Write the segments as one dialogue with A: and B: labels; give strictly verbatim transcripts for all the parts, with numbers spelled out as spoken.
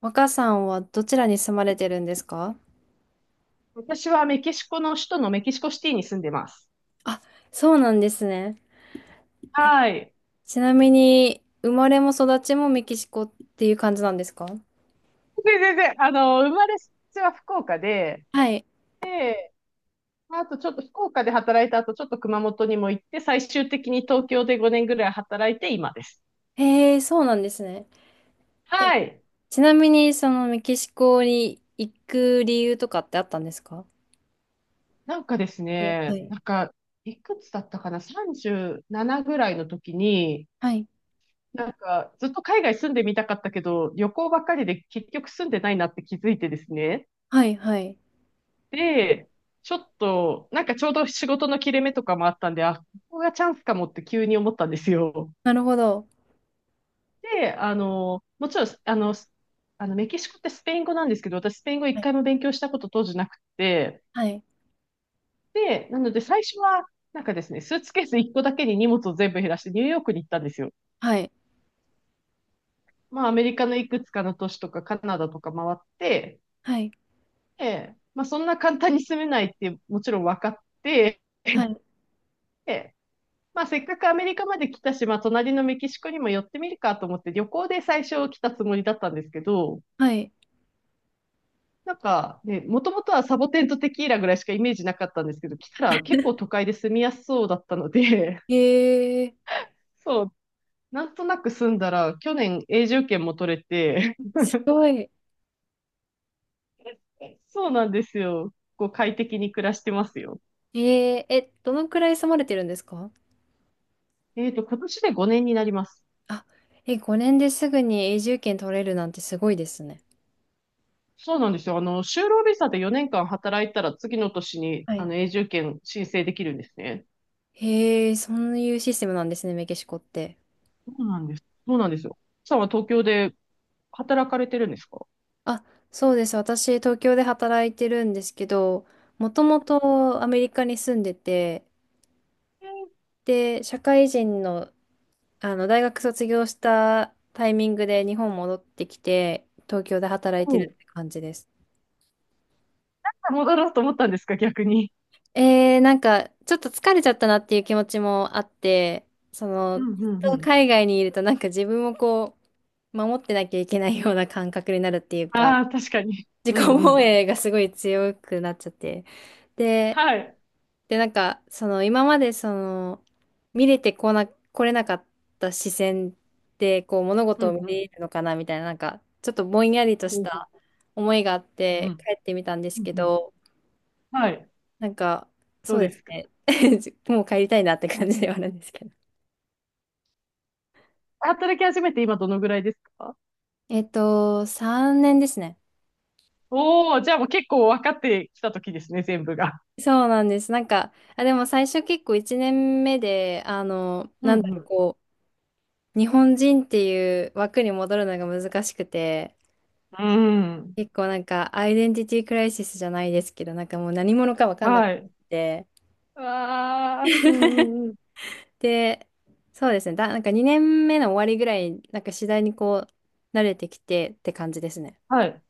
A: 若さんはどちらに住まれてるんですか？
B: 私はメキシコの首都のメキシコシティに住んでます。
A: あ、そうなんですね。
B: はい。
A: ちなみに、生まれも育ちもメキシコっていう感じなんですか？
B: で、全然、あの、生まれ育ちは福岡で、
A: はい。
B: で、あとちょっと福岡で働いた後、ちょっと熊本にも行って、最終的に東京でごねんぐらい働いて今です。
A: へえ、そうなんですね。え、
B: はい。
A: ちなみに、そのメキシコに行く理由とかってあったんですか？
B: なんかです
A: え、
B: ね、
A: はい。
B: なんか、いくつだったかな？ さんじゅうなな ぐらいの時に、
A: はい。
B: なんか、ずっと海外住んでみたかったけど、旅行ばっかりで結局住んでないなって気づいてですね。
A: はい。はい。
B: で、ちょっと、なんかちょうど仕事の切れ目とかもあったんで、あ、ここがチャンスかもって急に思ったんですよ。
A: なるほど。
B: で、あの、もちろん、あの、スあのメキシコってスペイン語なんですけど、私スペイン語
A: は
B: 一
A: い。
B: 回も勉強したこと当時なくて、
A: はい。
B: で、なので最初は、なんかですね、スーツケースいっこだけに荷物を全部減らしてニューヨークに行ったんですよ。
A: はい。
B: まあ、アメリカのいくつかの都市とかカナダとか回って、
A: はい。
B: で、まあ、そんな簡単に住めないってもちろん分かって、
A: はい。
B: でまあ、せっかくアメリカまで来たし、まあ、隣のメキシコにも寄ってみるかと思って、旅行で最初来たつもりだったんですけど、
A: はい。
B: なんかね、もともとはサボテンとテキーラぐらいしかイメージなかったんですけど、来たら結構都会で住みやすそうだったので、
A: へえ、
B: そう、なんとなく住んだら、去年永住権も取れて、
A: すごい。
B: そうなんですよ。こう快適に暮らしてますよ。
A: えー、え、どのくらい住まれてるんですか？
B: えっと、今年でごねんになります。
A: あ、え、ごねんですぐに永住権取れるなんてすごいですね。
B: そうなんですよ。あの、就労ビザでよねんかん働いたら次の年に、
A: は
B: あ
A: い。
B: の、永住権申請できるんですね。
A: へえ、そういうシステムなんですね、メキシコって。
B: そうなんです。そうなんですよ。さんは東京で働かれてるんですか？
A: あ、そうです。私、東京で働いてるんですけど、もともとアメリカに住んでて、
B: えー、
A: で、社会人の、あの、大学卒業したタイミングで日本戻ってきて、東京で働いて
B: お
A: る
B: う、
A: って感じです。
B: 戻ろうと思ったんですか、逆に。
A: えー、なんか、ちょっと疲れちゃったなっていう気持ちもあって、その、
B: う
A: ず
B: んう
A: っ
B: んう
A: と海
B: ん。
A: 外にいるとなんか自分をこう、守ってなきゃいけないような感覚になるっていうか、
B: ああ、確かに。
A: 自
B: うん
A: 己
B: う
A: 防
B: ん。
A: 衛がすごい強くなっちゃって。で、
B: はい。
A: で、なんか、その、今までその、見れてこな、来れなかった視線で、こう、物
B: う
A: 事を
B: ん
A: 見
B: うん。
A: れるのかなみたいな、なんか、ちょっとぼんやりとし
B: ほうほ
A: た思いがあっ
B: う。うんう
A: て
B: ん。
A: 帰ってみたんです
B: うん
A: け
B: うん。
A: ど、
B: はい。
A: なんか、
B: ど
A: そ
B: う
A: うで
B: で
A: す
B: すか。
A: ね。もう帰りたいなって感じではあるんですけど。
B: 働き始めて今どのぐらいですか？
A: えっと、さんねんですね。
B: おおー、じゃあもう結構分かってきた時ですね、全部が。
A: そうなんです。なんか、あ、でも最初結構いちねんめで、あの、
B: う
A: なんだろう、
B: ん
A: こう、日本人っていう枠に戻るのが難しくて、
B: うん。うん。
A: 結構なんか、アイデンティティクライシスじゃないですけど、なんかもう何者かわかんなく
B: はい。
A: て、
B: ああ、うん うんうん。
A: で、そうですね。だ、なんかにねんめの終わりぐらい、なんか次第にこう、慣れてきてって感じですね。
B: はい。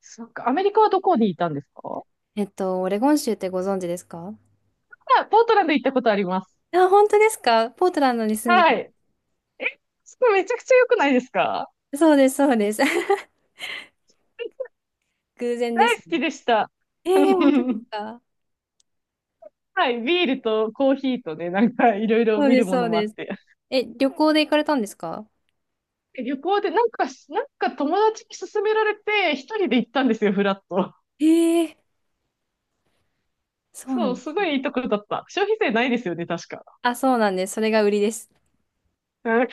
B: そっか。アメリカはどこにいたんですか？
A: えっと、オレゴン州ってご存知ですか？
B: あ、ポートランド行ったことあります。
A: あ、本当ですか？ポートランドに住んで
B: は
A: た。
B: い。それめちゃくちゃ良くないですか？
A: そうです、そうです。偶然
B: 大
A: です
B: 好き
A: ね。
B: でした。
A: えー、本当です か？
B: はい、ビールとコーヒーとね、なんかいろいろ
A: そう
B: 見
A: で
B: る
A: す、
B: も
A: そ
B: の
A: う
B: もあっ
A: です。
B: て。
A: え、旅行で行かれたんですか？
B: 旅行でなんかし、なんか友達に勧められて、一人で行ったんですよ、フラッと。
A: ええ、そうな
B: そ
A: ん
B: う、
A: で
B: す
A: す。
B: ごいいいところだった。消費税ないですよね、確か。
A: あ、そうなんです。それが売りです。
B: うん、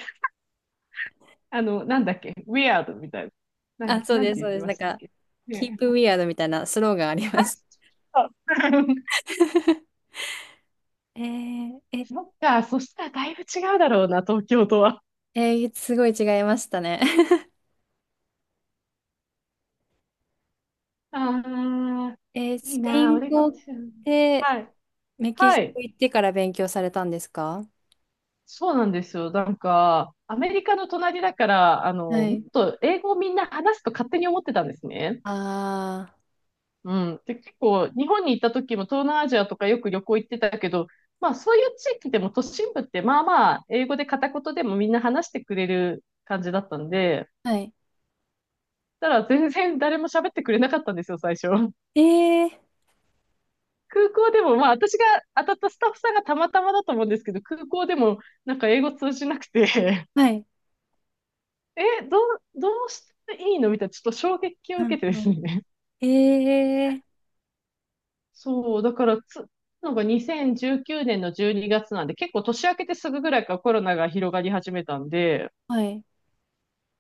B: あの、なんだっけ、ウィアードみたいな。な
A: あ、
B: ん、
A: そう
B: なん
A: で
B: て
A: す、そ
B: 言
A: う
B: って
A: です。
B: ま
A: なん
B: したっ
A: か、
B: け。
A: Keep
B: ねえ。
A: Weird みたいなスローガンありま す。
B: あそう。
A: えー、え、
B: そっか、そしたらだいぶ違うだろうな、東京とは。
A: えーすごい違いましたね。
B: ああ、
A: えー
B: い
A: ス
B: い
A: ペ
B: な、
A: イ
B: オ
A: ン
B: レゴン
A: 語っ
B: 州。
A: て
B: はい。
A: メキ
B: は
A: シコ
B: い。
A: 行ってから勉強されたんですか？
B: そうなんですよ。なんか、アメリカの隣だから、あ
A: は
B: の、もっ
A: い。
B: と英語をみんな話すと勝手に思ってたんですね。
A: あ
B: うん。で、結構、日本に行った時も東南アジアとかよく旅行行ってたけど、まあ、そういう地域でも都心部ってまあまあ、英語で片言でもみんな話してくれる感じだったんで、
A: あ、はい。
B: ただ全然誰も喋ってくれなかったんですよ、最初。
A: ええ、
B: 空港でも、まあ私が当たったスタッフさんがたまたまだと思うんですけど、空港でもなんか英語通じなくて、
A: はい。
B: え、どう、どうしていいのみたいな、ちょっと衝撃を
A: う
B: 受
A: ん
B: けてで
A: う
B: す
A: ん、
B: ね。
A: ええ、
B: そう、だからつ、なんかにせんじゅうきゅうねんのじゅうにがつなんで、結構年明けてすぐぐらいからコロナが広がり始めたんで、
A: はい。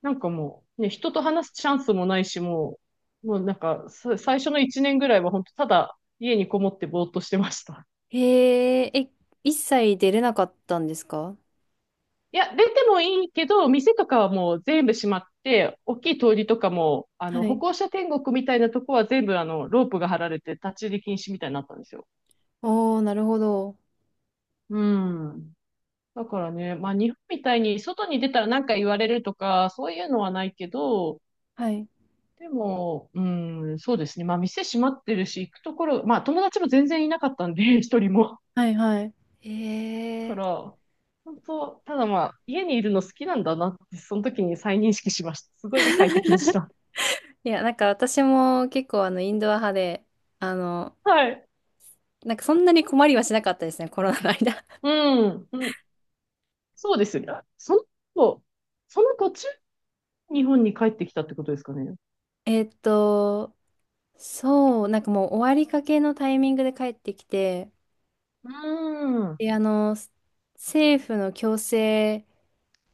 B: なんかもう、ね、人と話すチャンスもないし、もう、もうなんか、さ最初のいちねんぐらいは本当ただ家にこもってぼーっとしてました。
A: えええ、一切出れなかったんですか？
B: いや、出てもいいけど、店とかはもう全部閉まって、大きい通りとかも、あ
A: は
B: の、歩
A: い。
B: 行者天国みたいなとこは全部、あの、ロープが張られて立ち入り禁止みたいになったんですよ。
A: おー、なるほど。
B: うん。だからね、まあ、日本みたいに外に出たら何か言われるとか、そういうのはないけど、
A: はい。
B: でも、うん、そうですね。まあ、店閉まってるし、行くところ、まあ、友達も全然いなかったんで、一人も。
A: はい。はい。え
B: か
A: え、
B: ら、本当、ただまあ、家にいるの好きなんだなって、その時に再認識しました。すごい快適でした。
A: いや、なんか私も結構あの、インドア派で、あの、
B: はい。
A: なんかそんなに困りはしなかったですね、コロナの間。
B: うん、うん、そうですよね。あその子、その途中、日本に帰ってきたってことですかね。
A: えっと、そう、なんかもう終わりかけのタイミングで帰ってきて、
B: うーん、うん、
A: で、あの、政府の強制、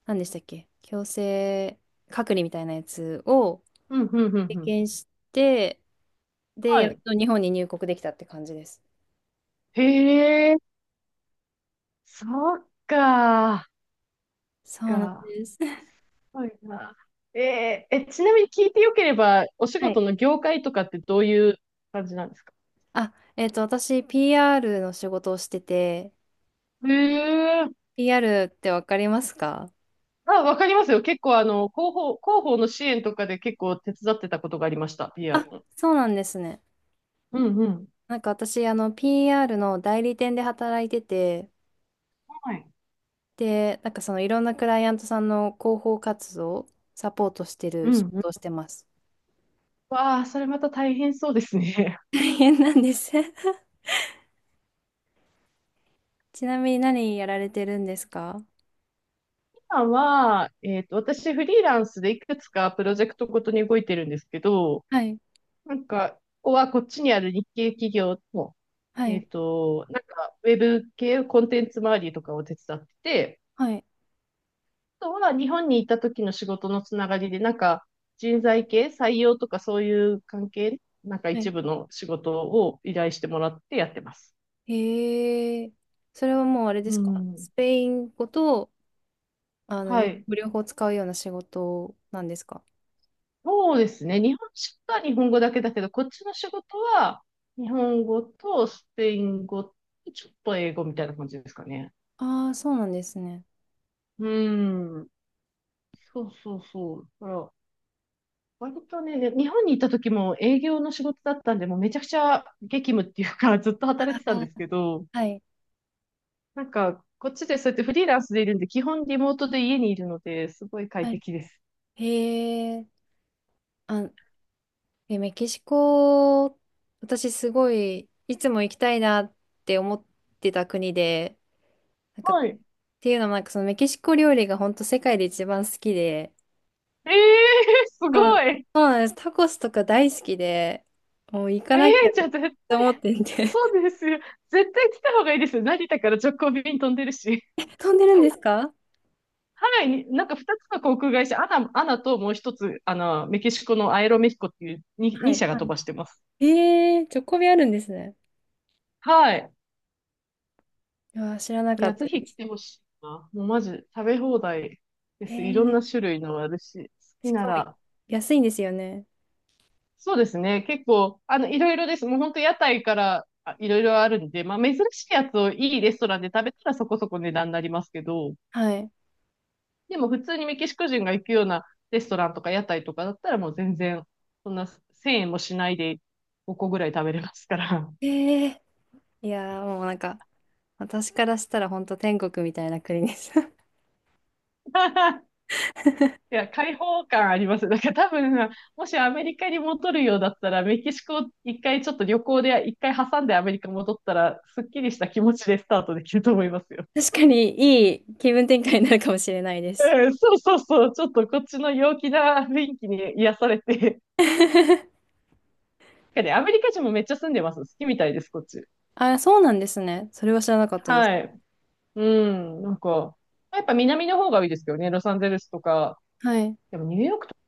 A: 何でしたっけ強制隔離みたいなやつを、
B: うん、うん、う
A: 経
B: ん。
A: 験して、で、
B: は
A: やっ
B: い。
A: と日本に入国できたって感じです。
B: へえ、そっか、
A: そうなん
B: か。
A: です。
B: はいな。えーえ、ちなみに聞いてよければ、お仕
A: はい。
B: 事の業界とかってどういう感じなんですか？
A: あ、えっと、私、ピーアール の仕事をしてて、
B: へえ、
A: ピーアール ってわかりますか？
B: あ、わかりますよ。結構、あの、広報、広報の支援とかで結構手伝ってたことがありました、ピーアール の。
A: そうなんですね。
B: うん、うん。
A: なんか私、あの、ピーアール の代理店で働いてて、
B: はい。
A: で、なんかそのいろんなクライアントさんの広報活動をサポートして
B: う
A: る仕
B: ん。
A: 事をしてます。
B: わあ、それまた大変そうですね。
A: 大変なんです ちなみに何やられてるんですか？
B: 今は、えっと、私フリーランスでいくつかプロジェクトごとに動いてるんですけど、
A: はい、
B: なんか、ここはこっちにある日系企業の、
A: は
B: え
A: い、
B: っと、なんか、ウェブ系コンテンツ周りとかを手伝ってて、
A: はい。
B: あとは日本にいた時の仕事のつながりで、なんか、人材系、採用とかそういう関係、なんか
A: は
B: 一
A: い、
B: 部の仕事を依頼してもらってやってます。
A: へえ。それはもうあれで
B: う
A: すか
B: ん。
A: スペイン語と、あの、
B: は
A: 日
B: い。
A: 本語両方使うような仕事なんですか？
B: そうですね。日本食は日本語だけだけど、こっちの仕事は日本語とスペイン語とちょっと英語みたいな感じですかね。
A: ああー、そうなんですね。
B: うん。そうそうそう。だから割とね、で日本にいた時も営業の仕事だったんで、もうめちゃくちゃ激務っていうか、ずっと
A: あ
B: 働いてたんで
A: ー、
B: すけど、
A: はい。
B: なんか、こっちでそうやってフリーランスでいるんで、基本リモートで家にいるので、すごい快
A: はい。
B: 適です。
A: へえ。あ、え、メキシコ、私すごい、いつも行きたいなって思ってた国で、なんか、っ
B: はい。
A: ていうのもなんかそのメキシコ料理が本当世界で一番好きで、
B: ええー、す
A: そうん、
B: ごい。
A: そうなんです。タコスとか大好きで、もう行か
B: え
A: な
B: え
A: きゃ
B: ー、じゃ
A: っ
B: あ絶
A: て思ってて
B: そうですよ。絶対来た方がいいですよ。成田から直行便飛んでるし。
A: 飛んでるんですか？
B: ハワイに、なんかふたつの航空会社、アナ、アナともう一つ、あの、メキシコのアエロメヒコっていうに
A: は
B: に
A: い、
B: 社が
A: は
B: 飛ばしてます。
A: い。えー、チョコビあるんですね。
B: はい。
A: いやー、知らな
B: い
A: か
B: や、
A: っ
B: ぜ
A: たで
B: ひ来
A: す。
B: てほしいな。もうマジ、食べ放題で
A: え
B: す。いろん
A: ー、
B: な種類のあるし、好き
A: し
B: な
A: かも
B: ら。
A: 安いんですよね。
B: そうですね。結構、あの、いろいろです。もう本当屋台からあいろいろあるんで、まあ珍しいやつをいいレストランで食べたらそこそこ値段になりますけど、
A: はい。
B: でも普通にメキシコ人が行くようなレストランとか屋台とかだったらもう全然、そんなせんえんもしないでごこぐらい食べれますから。
A: えー、いやー、もうなんか、私からしたら本当天国みたいな国です。
B: いや、開放感あります。だから多分、もしアメリカに戻るようだったら、メキシコ一回ちょっと旅行で一回挟んでアメリカ戻ったら、すっきりした気持ちでスタートできると思いますよ。
A: 確かにいい気分転換になるかもしれないです。
B: うん、そうそうそう。ちょっとこっちの陽気な雰囲気に癒されて。でアメリカ人もめっちゃ住んでます。好きみたいです、こっち。
A: あ、そうなんですね。それは知らなかったです。
B: はい。うん、なんか、やっぱ南の方がいいですけどね、ロサンゼルスとか。
A: はい。
B: でもニューヨークとか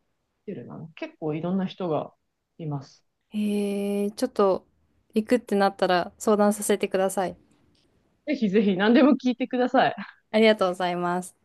B: ホテルなの結構いろんな人がいます。
A: えー、ちょっと行くってなったら相談させてください。
B: ぜひぜひ何でも聞いてください。
A: ありがとうございます。